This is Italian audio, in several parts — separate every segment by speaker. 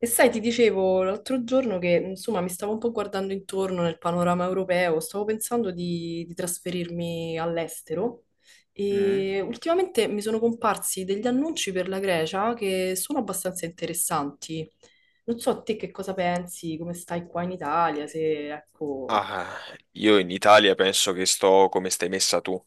Speaker 1: E sai, ti dicevo l'altro giorno che insomma mi stavo un po' guardando intorno nel panorama europeo, stavo pensando di trasferirmi all'estero
Speaker 2: Mm.
Speaker 1: e ultimamente mi sono comparsi degli annunci per la Grecia che sono abbastanza interessanti. Non so a te che cosa pensi, come stai qua in Italia, se ecco.
Speaker 2: Ah, io in Italia penso che sto come stai messa tu,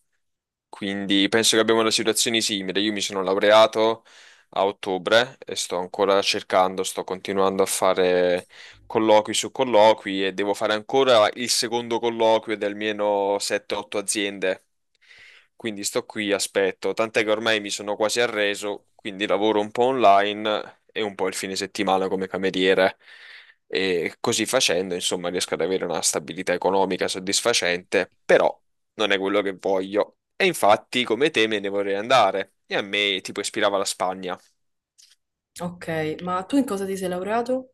Speaker 2: quindi penso che abbiamo una situazione simile. Io mi sono laureato a ottobre e sto ancora cercando, sto continuando a fare colloqui su colloqui e devo fare ancora il secondo colloquio di almeno 7-8 aziende. Quindi sto qui, aspetto, tant'è che ormai mi sono quasi arreso, quindi lavoro un po' online e un po' il fine settimana come cameriere. E così facendo, insomma, riesco ad avere una stabilità economica soddisfacente, però non è quello che voglio. E infatti, come te, me ne vorrei andare. E a me tipo ispirava la Spagna.
Speaker 1: Ok, ma tu in cosa ti sei laureato?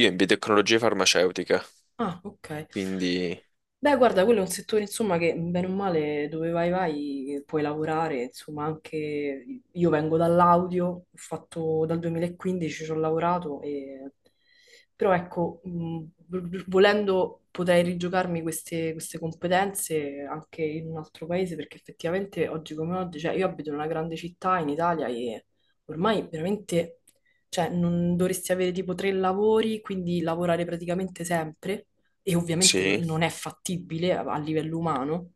Speaker 2: Io in biotecnologie farmaceutiche,
Speaker 1: Ah, ok.
Speaker 2: quindi
Speaker 1: Beh, guarda, quello è un settore, insomma, che bene o male dove vai vai puoi lavorare, insomma, anche io vengo dall'audio, ho fatto dal 2015 ci ho lavorato e però ecco, volendo potrei rigiocarmi queste competenze anche in un altro paese perché effettivamente oggi come oggi, cioè io abito in una grande città in Italia e ormai veramente cioè, non dovresti avere tipo tre lavori, quindi lavorare praticamente sempre, e ovviamente
Speaker 2: sì,
Speaker 1: non è fattibile a livello umano,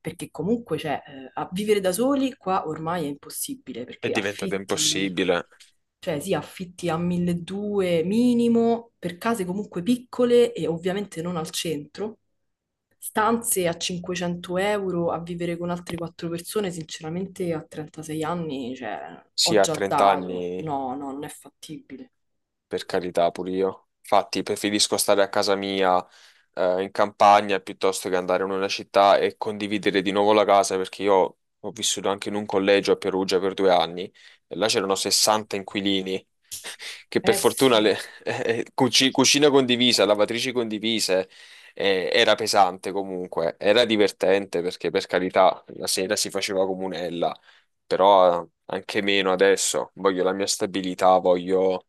Speaker 1: perché comunque, cioè, a vivere da soli qua ormai è impossibile,
Speaker 2: è
Speaker 1: perché
Speaker 2: diventato
Speaker 1: affitti,
Speaker 2: impossibile.
Speaker 1: cioè sì, affitti a 1200 minimo, per case comunque piccole e ovviamente non al centro. Stanze a 500 euro a vivere con altre quattro persone, sinceramente a 36 anni, cioè,
Speaker 2: Sì,
Speaker 1: ho
Speaker 2: a
Speaker 1: già
Speaker 2: 30
Speaker 1: dato.
Speaker 2: anni,
Speaker 1: No, no, non è fattibile.
Speaker 2: per carità, pure io. Infatti, preferisco stare a casa mia in campagna piuttosto che andare in una città e condividere di nuovo la casa, perché io ho vissuto anche in un collegio a Perugia per 2 anni e là c'erano 60 inquilini. Che per
Speaker 1: Eh
Speaker 2: fortuna
Speaker 1: sì.
Speaker 2: cucina condivisa, lavatrici condivise, era pesante comunque, era divertente perché per carità la sera si faceva comunella, però anche meno adesso. Voglio la mia stabilità, voglio,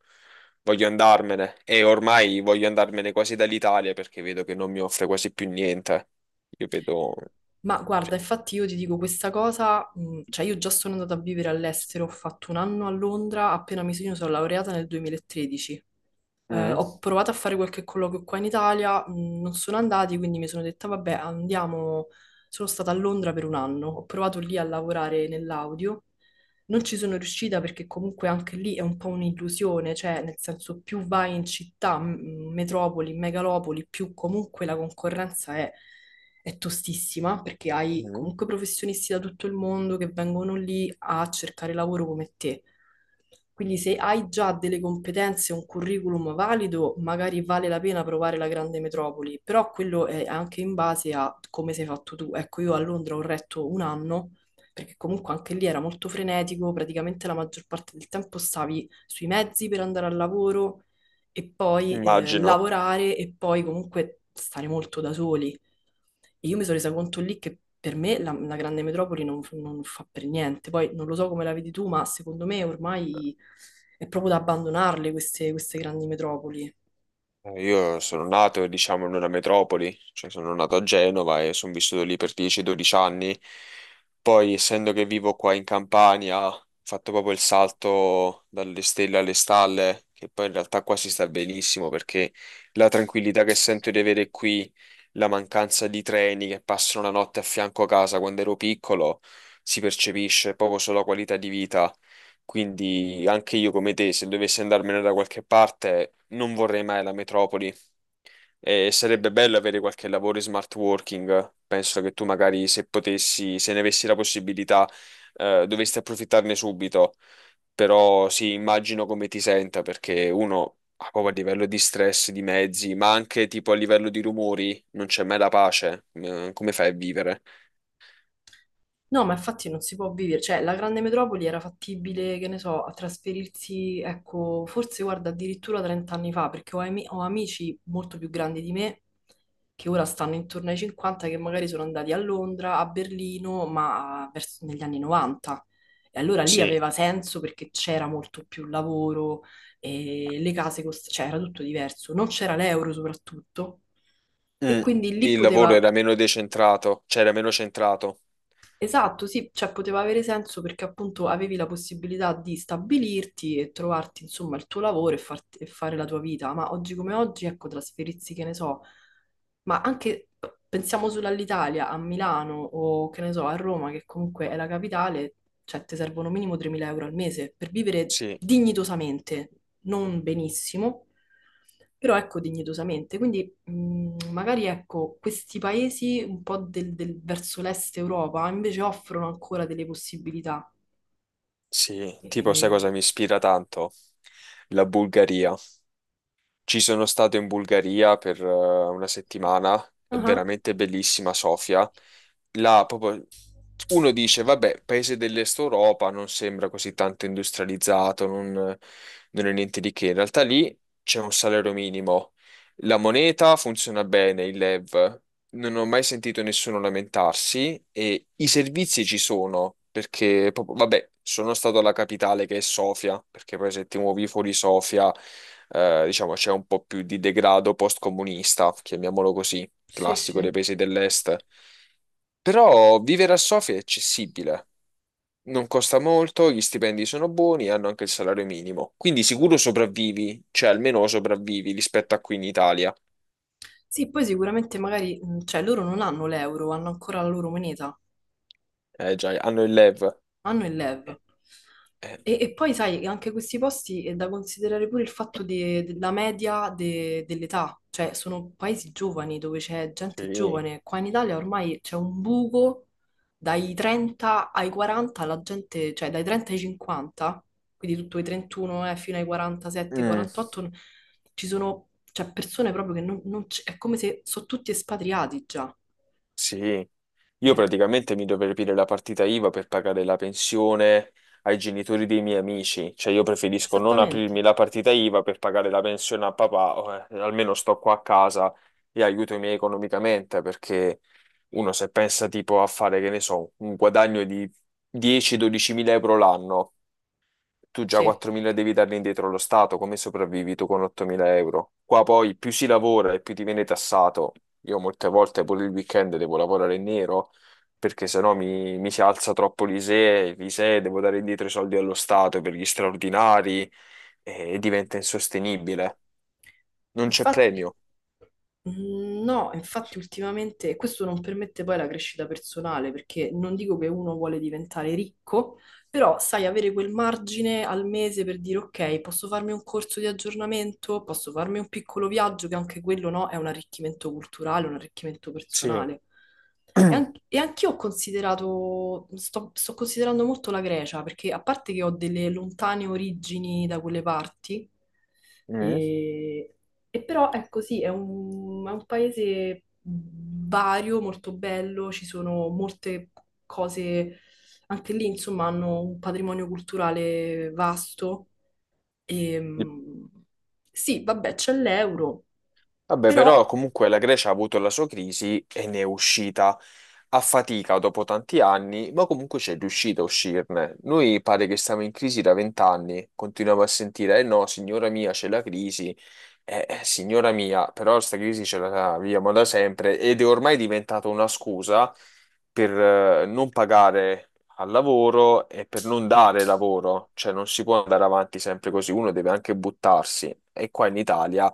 Speaker 2: voglio andarmene e ormai voglio andarmene quasi dall'Italia perché vedo che non mi offre quasi più niente. Io vedo,
Speaker 1: Ma guarda,
Speaker 2: cioè.
Speaker 1: infatti io ti dico questa cosa, cioè io già sono andata a vivere all'estero, ho fatto un anno a Londra, appena mi sono io sono laureata nel 2013.
Speaker 2: Mm.
Speaker 1: Ho provato a fare qualche colloquio qua in Italia, non sono andati, quindi mi sono detta, vabbè, andiamo. Sono stata a Londra per un anno, ho provato lì a lavorare nell'audio. Non ci sono riuscita perché comunque anche lì è un po' un'illusione, cioè nel senso più vai in città, metropoli, megalopoli, più comunque la concorrenza è tostissima perché hai
Speaker 2: Mm.
Speaker 1: comunque professionisti da tutto il mondo che vengono lì a cercare lavoro come te. Quindi se hai già delle competenze, un curriculum valido, magari vale la pena provare la grande metropoli, però quello è anche in base a come sei fatto tu. Ecco, io a Londra ho retto un anno perché comunque anche lì era molto frenetico, praticamente la maggior parte del tempo stavi sui mezzi per andare al lavoro e poi
Speaker 2: Immagino.
Speaker 1: lavorare e poi comunque stare molto da soli. E io mi sono resa conto lì che per me la grande metropoli non fa per niente. Poi non lo so come la vedi tu, ma secondo me ormai è proprio da abbandonarle queste grandi metropoli.
Speaker 2: Io sono nato, diciamo, in una metropoli, cioè sono nato a Genova e sono vissuto lì per 10-12 anni. Poi, essendo che vivo qua in Campania, ho fatto proprio il salto dalle stelle alle stalle, che poi in realtà qua si sta benissimo perché la tranquillità che sento di avere qui, la mancanza di treni che passano la notte a fianco a casa quando ero piccolo, si percepisce proprio sulla qualità di vita. Quindi anche io come te, se dovessi andarmene da qualche parte, non vorrei mai la metropoli e sarebbe bello avere qualche lavoro in smart working. Penso che tu magari se potessi, se ne avessi la possibilità, dovresti approfittarne subito. Però sì, immagino come ti senta perché uno ha proprio a livello di stress, di mezzi, ma anche tipo a livello di rumori, non c'è mai la pace. Come fai a vivere?
Speaker 1: No, ma infatti non si può vivere, cioè la grande metropoli era fattibile, che ne so, a trasferirsi, ecco, forse guarda addirittura 30 anni fa, perché ho amici molto più grandi di me che ora stanno intorno ai 50, che magari sono andati a Londra, a Berlino, negli anni 90. E allora lì
Speaker 2: Sì.
Speaker 1: aveva senso perché c'era molto più lavoro, e cioè era tutto diverso, non c'era l'euro soprattutto. E
Speaker 2: Mm.
Speaker 1: quindi lì
Speaker 2: Il lavoro
Speaker 1: poteva.
Speaker 2: era meno decentrato, cioè era meno centrato.
Speaker 1: Esatto, sì, cioè poteva avere senso perché appunto avevi la possibilità di stabilirti e trovarti insomma il tuo lavoro e, e fare la tua vita, ma oggi come oggi, ecco, trasferirsi, che ne so, ma anche pensiamo solo all'Italia, a Milano o che ne so, a Roma, che comunque è la capitale, cioè ti servono minimo 3.000 euro al mese per vivere
Speaker 2: Sì.
Speaker 1: dignitosamente, non benissimo, però ecco dignitosamente, quindi magari ecco, questi paesi un po' verso l'est Europa invece offrono ancora delle possibilità.
Speaker 2: Sì, tipo sai
Speaker 1: E-
Speaker 2: cosa mi ispira tanto? La Bulgaria. Ci sono stato in Bulgaria per una settimana, è
Speaker 1: Ah,
Speaker 2: veramente bellissima Sofia. Là proprio uno dice, vabbè, paese dell'Est Europa non sembra così tanto industrializzato, non è niente di che. In realtà lì c'è un salario minimo. La moneta funziona bene, il lev. Non ho mai sentito nessuno lamentarsi e i servizi ci sono perché, vabbè, sono stato alla capitale che è Sofia, perché poi se ti muovi fuori Sofia, diciamo, c'è un po' più di degrado post-comunista, chiamiamolo così,
Speaker 1: sì, sì.
Speaker 2: classico dei paesi dell'est. Però vivere a Sofia è accessibile, non costa molto, gli stipendi sono buoni e hanno anche il salario minimo. Quindi sicuro sopravvivi, cioè almeno sopravvivi rispetto a qui in Italia.
Speaker 1: Sì, poi sicuramente magari, cioè loro non hanno l'euro, hanno ancora la loro moneta.
Speaker 2: Eh già, hanno il LEV.
Speaker 1: Hanno il LEV. E, V.
Speaker 2: Eh, eh,
Speaker 1: E poi sai, anche questi posti è da considerare pure il fatto della media dell'età, cioè sono paesi giovani dove c'è gente
Speaker 2: sì.
Speaker 1: giovane. Qua in Italia ormai c'è un buco dai 30 ai 40, la gente, cioè dai 30 ai 50, quindi tutto i 31 fino ai 47,
Speaker 2: Mm,
Speaker 1: 48, ci sono cioè, persone proprio che non, non c- è come se sono tutti espatriati già.
Speaker 2: sì, io
Speaker 1: Eh,
Speaker 2: praticamente mi dovrei aprire la partita IVA per pagare la pensione ai genitori dei miei amici, cioè io preferisco non
Speaker 1: esattamente,
Speaker 2: aprirmi la partita IVA per pagare la pensione a papà, o, almeno sto qua a casa e aiuto i miei economicamente, perché uno se pensa tipo a fare, che ne so, un guadagno di 10-12 mila euro l'anno tu già
Speaker 1: sì.
Speaker 2: 4.000 devi darli indietro allo Stato, come sopravvivi tu con 8.000 euro? Qua poi più si lavora e più ti viene tassato. Io molte volte pure il weekend devo lavorare in nero perché sennò mi si alza troppo l'ISEE, l'ISEE devo dare indietro i soldi allo Stato per gli straordinari e diventa insostenibile. Non c'è
Speaker 1: Infatti.
Speaker 2: premio.
Speaker 1: No, infatti ultimamente questo non permette poi la crescita personale, perché non dico che uno vuole diventare ricco, però sai, avere quel margine al mese per dire ok, posso farmi un corso di aggiornamento, posso farmi un piccolo viaggio, che anche quello no, è un arricchimento culturale, un arricchimento
Speaker 2: Sì.
Speaker 1: personale. E, e anch'io ho considerato, sto considerando molto la Grecia, perché a parte che ho delle lontane origini da quelle parti,
Speaker 2: Mm.
Speaker 1: e però è così, è un paese vario, molto bello, ci sono molte cose, anche lì insomma hanno un patrimonio culturale vasto. E, sì, vabbè, c'è l'euro,
Speaker 2: Vabbè, però
Speaker 1: però.
Speaker 2: comunque la Grecia ha avuto la sua crisi e ne è uscita a fatica dopo tanti anni, ma comunque c'è riuscita a uscirne. Noi pare che stiamo in crisi da 20 anni, continuiamo a sentire, eh no, signora mia, c'è la crisi, signora mia, però questa crisi ce la viviamo da sempre ed è ormai diventata una scusa per non pagare al lavoro e per non dare lavoro, cioè non si può andare avanti sempre così, uno deve anche buttarsi. E qua in Italia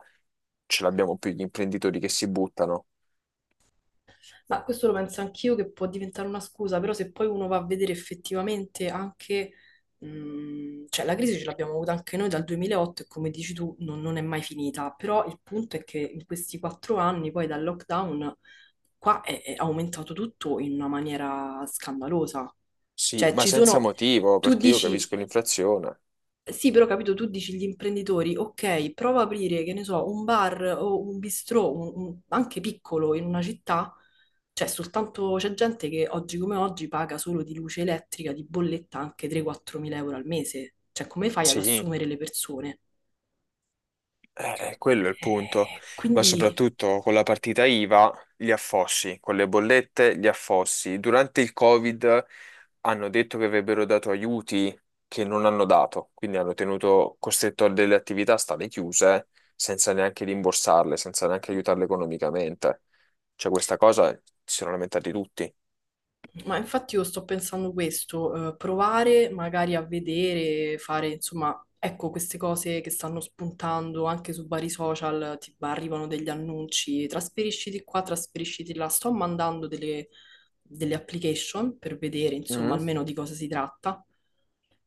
Speaker 2: ce l'abbiamo più gli imprenditori che si buttano.
Speaker 1: Ma questo lo penso anch'io che può diventare una scusa, però se poi uno va a vedere effettivamente anche, cioè la crisi ce l'abbiamo avuta anche noi dal 2008 e come dici tu non è mai finita, però il punto è che in questi quattro anni poi dal lockdown qua è aumentato tutto in una maniera scandalosa.
Speaker 2: Sì,
Speaker 1: Cioè
Speaker 2: ma
Speaker 1: ci
Speaker 2: senza
Speaker 1: sono,
Speaker 2: motivo,
Speaker 1: tu
Speaker 2: perché io
Speaker 1: dici
Speaker 2: capisco l'inflazione.
Speaker 1: sì, però capito, tu dici gli imprenditori, ok, prova a aprire, che ne so, un bar o un bistrò, anche piccolo in una città, cioè soltanto c'è gente che oggi come oggi paga solo di luce elettrica, di bolletta anche 3-4 mila euro al mese, cioè come fai ad
Speaker 2: Sì,
Speaker 1: assumere le persone?
Speaker 2: quello è il punto. Ma
Speaker 1: Quindi.
Speaker 2: soprattutto con la partita IVA, gli affossi, con le bollette, gli affossi. Durante il Covid hanno detto che avrebbero dato aiuti che non hanno dato, quindi hanno tenuto costretto a delle attività a stare chiuse senza neanche rimborsarle, senza neanche aiutarle economicamente. Cioè questa cosa si sono lamentati tutti.
Speaker 1: Ma infatti io sto pensando questo, provare magari a vedere, fare insomma, ecco queste cose che stanno spuntando anche su vari social, ti arrivano degli annunci, trasferisciti qua, trasferisciti là, sto mandando delle application per vedere insomma
Speaker 2: Mm,
Speaker 1: almeno di cosa si tratta,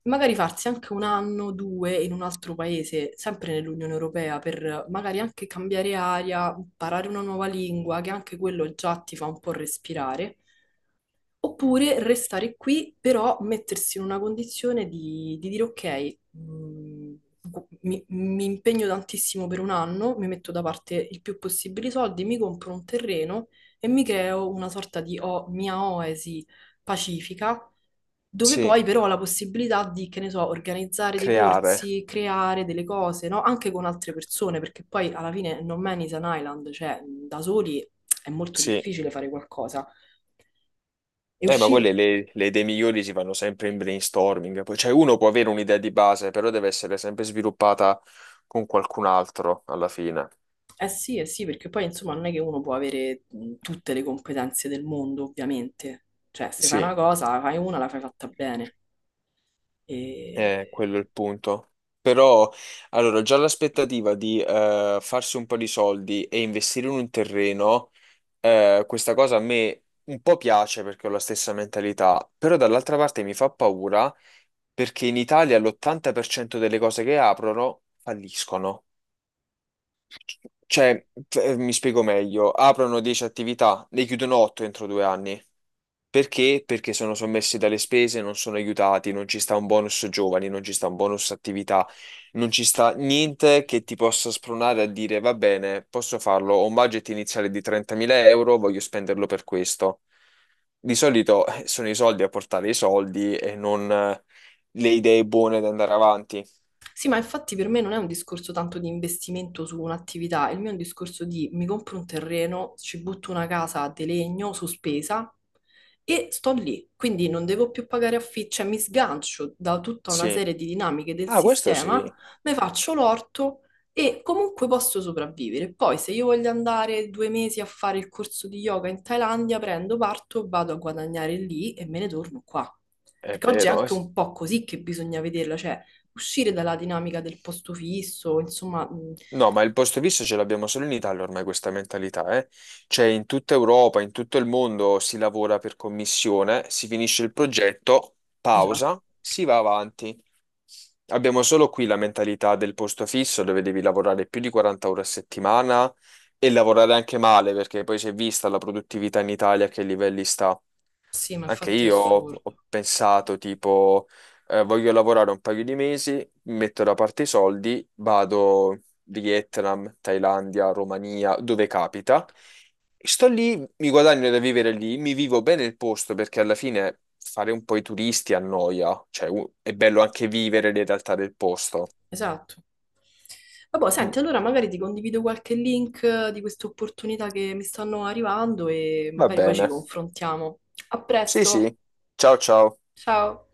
Speaker 1: magari farsi anche un anno, due in un altro paese, sempre nell'Unione Europea, per magari anche cambiare aria, imparare una nuova lingua, che anche quello già ti fa un po' respirare. Oppure restare qui, però mettersi in una condizione di dire ok, mi impegno tantissimo per un anno, mi metto da parte il più possibile i soldi, mi compro un terreno e mi creo una sorta di mia oasi pacifica, dove
Speaker 2: sì,
Speaker 1: poi però ho la possibilità di, che ne so, organizzare dei
Speaker 2: creare.
Speaker 1: corsi, creare delle cose, no? Anche con altre persone, perché poi alla fine no man is an island, cioè da soli è molto
Speaker 2: Sì,
Speaker 1: difficile fare qualcosa e
Speaker 2: ma quelle
Speaker 1: uscire.
Speaker 2: le idee migliori si fanno sempre in brainstorming. Poi, cioè, uno può avere un'idea di base, però deve essere sempre sviluppata con qualcun altro alla fine.
Speaker 1: Sì, eh sì, perché poi insomma non è che uno può avere tutte le competenze del mondo, ovviamente. Cioè, se fai
Speaker 2: Sì,
Speaker 1: una cosa, la fai una, la fai fatta bene. E...
Speaker 2: quello è il punto. Però, allora, già l'aspettativa di farsi un po' di soldi e investire in un terreno, questa cosa a me un po' piace perché ho la stessa mentalità, però dall'altra parte mi fa paura perché in Italia l'80% delle cose che aprono falliscono. Cioè, mi spiego meglio, aprono 10 attività, ne chiudono 8 entro 2 anni. Perché? Perché sono sommessi dalle spese, non sono aiutati, non ci sta un bonus giovani, non ci sta un bonus attività, non ci sta niente che ti possa spronare a dire va bene, posso farlo, ho un budget iniziale di 30.000 euro, voglio spenderlo per questo. Di solito sono i soldi a portare i soldi e non le idee buone da andare avanti.
Speaker 1: Sì, ma infatti per me non è un discorso tanto di investimento su un'attività, il mio è un discorso di mi compro un terreno, ci butto una casa di legno sospesa e sto lì. Quindi non devo più pagare affitto, cioè mi sgancio da tutta una
Speaker 2: Sì.
Speaker 1: serie di dinamiche del
Speaker 2: Ah, questo
Speaker 1: sistema,
Speaker 2: sì,
Speaker 1: mi faccio l'orto e comunque posso sopravvivere. Poi se io voglio andare due mesi a fare il corso di yoga in Thailandia, prendo, parto, vado a guadagnare lì e me ne torno qua.
Speaker 2: è
Speaker 1: Perché oggi è
Speaker 2: vero. Eh
Speaker 1: anche
Speaker 2: sì.
Speaker 1: un po' così che bisogna vederla, cioè uscire dalla dinamica del posto fisso, insomma,
Speaker 2: No, ma il posto fisso ce l'abbiamo solo in Italia ormai questa mentalità, eh? Cioè in tutta Europa, in tutto il mondo si lavora per commissione, si finisce il progetto,
Speaker 1: esatto,
Speaker 2: pausa, si va avanti. Abbiamo solo qui la mentalità del posto fisso dove devi lavorare più di 40 ore a settimana e lavorare anche male perché poi si è vista la produttività in Italia a che livelli sta.
Speaker 1: sì, ma
Speaker 2: Anche
Speaker 1: infatti è
Speaker 2: io ho
Speaker 1: assurdo.
Speaker 2: pensato tipo voglio lavorare un paio di mesi, mi metto da parte i soldi, vado Vietnam, Thailandia, Romania, dove capita. E sto lì, mi guadagno da vivere lì, mi vivo bene il posto perché alla fine fare un po' i turisti annoia, cioè è bello anche vivere le realtà del posto.
Speaker 1: Esatto. Vabbè,
Speaker 2: Mm,
Speaker 1: senti, allora magari ti condivido qualche link di queste opportunità che mi stanno arrivando e
Speaker 2: va
Speaker 1: magari poi ci
Speaker 2: bene.
Speaker 1: confrontiamo. A
Speaker 2: Sì,
Speaker 1: presto,
Speaker 2: sì. Ciao, ciao.
Speaker 1: ciao!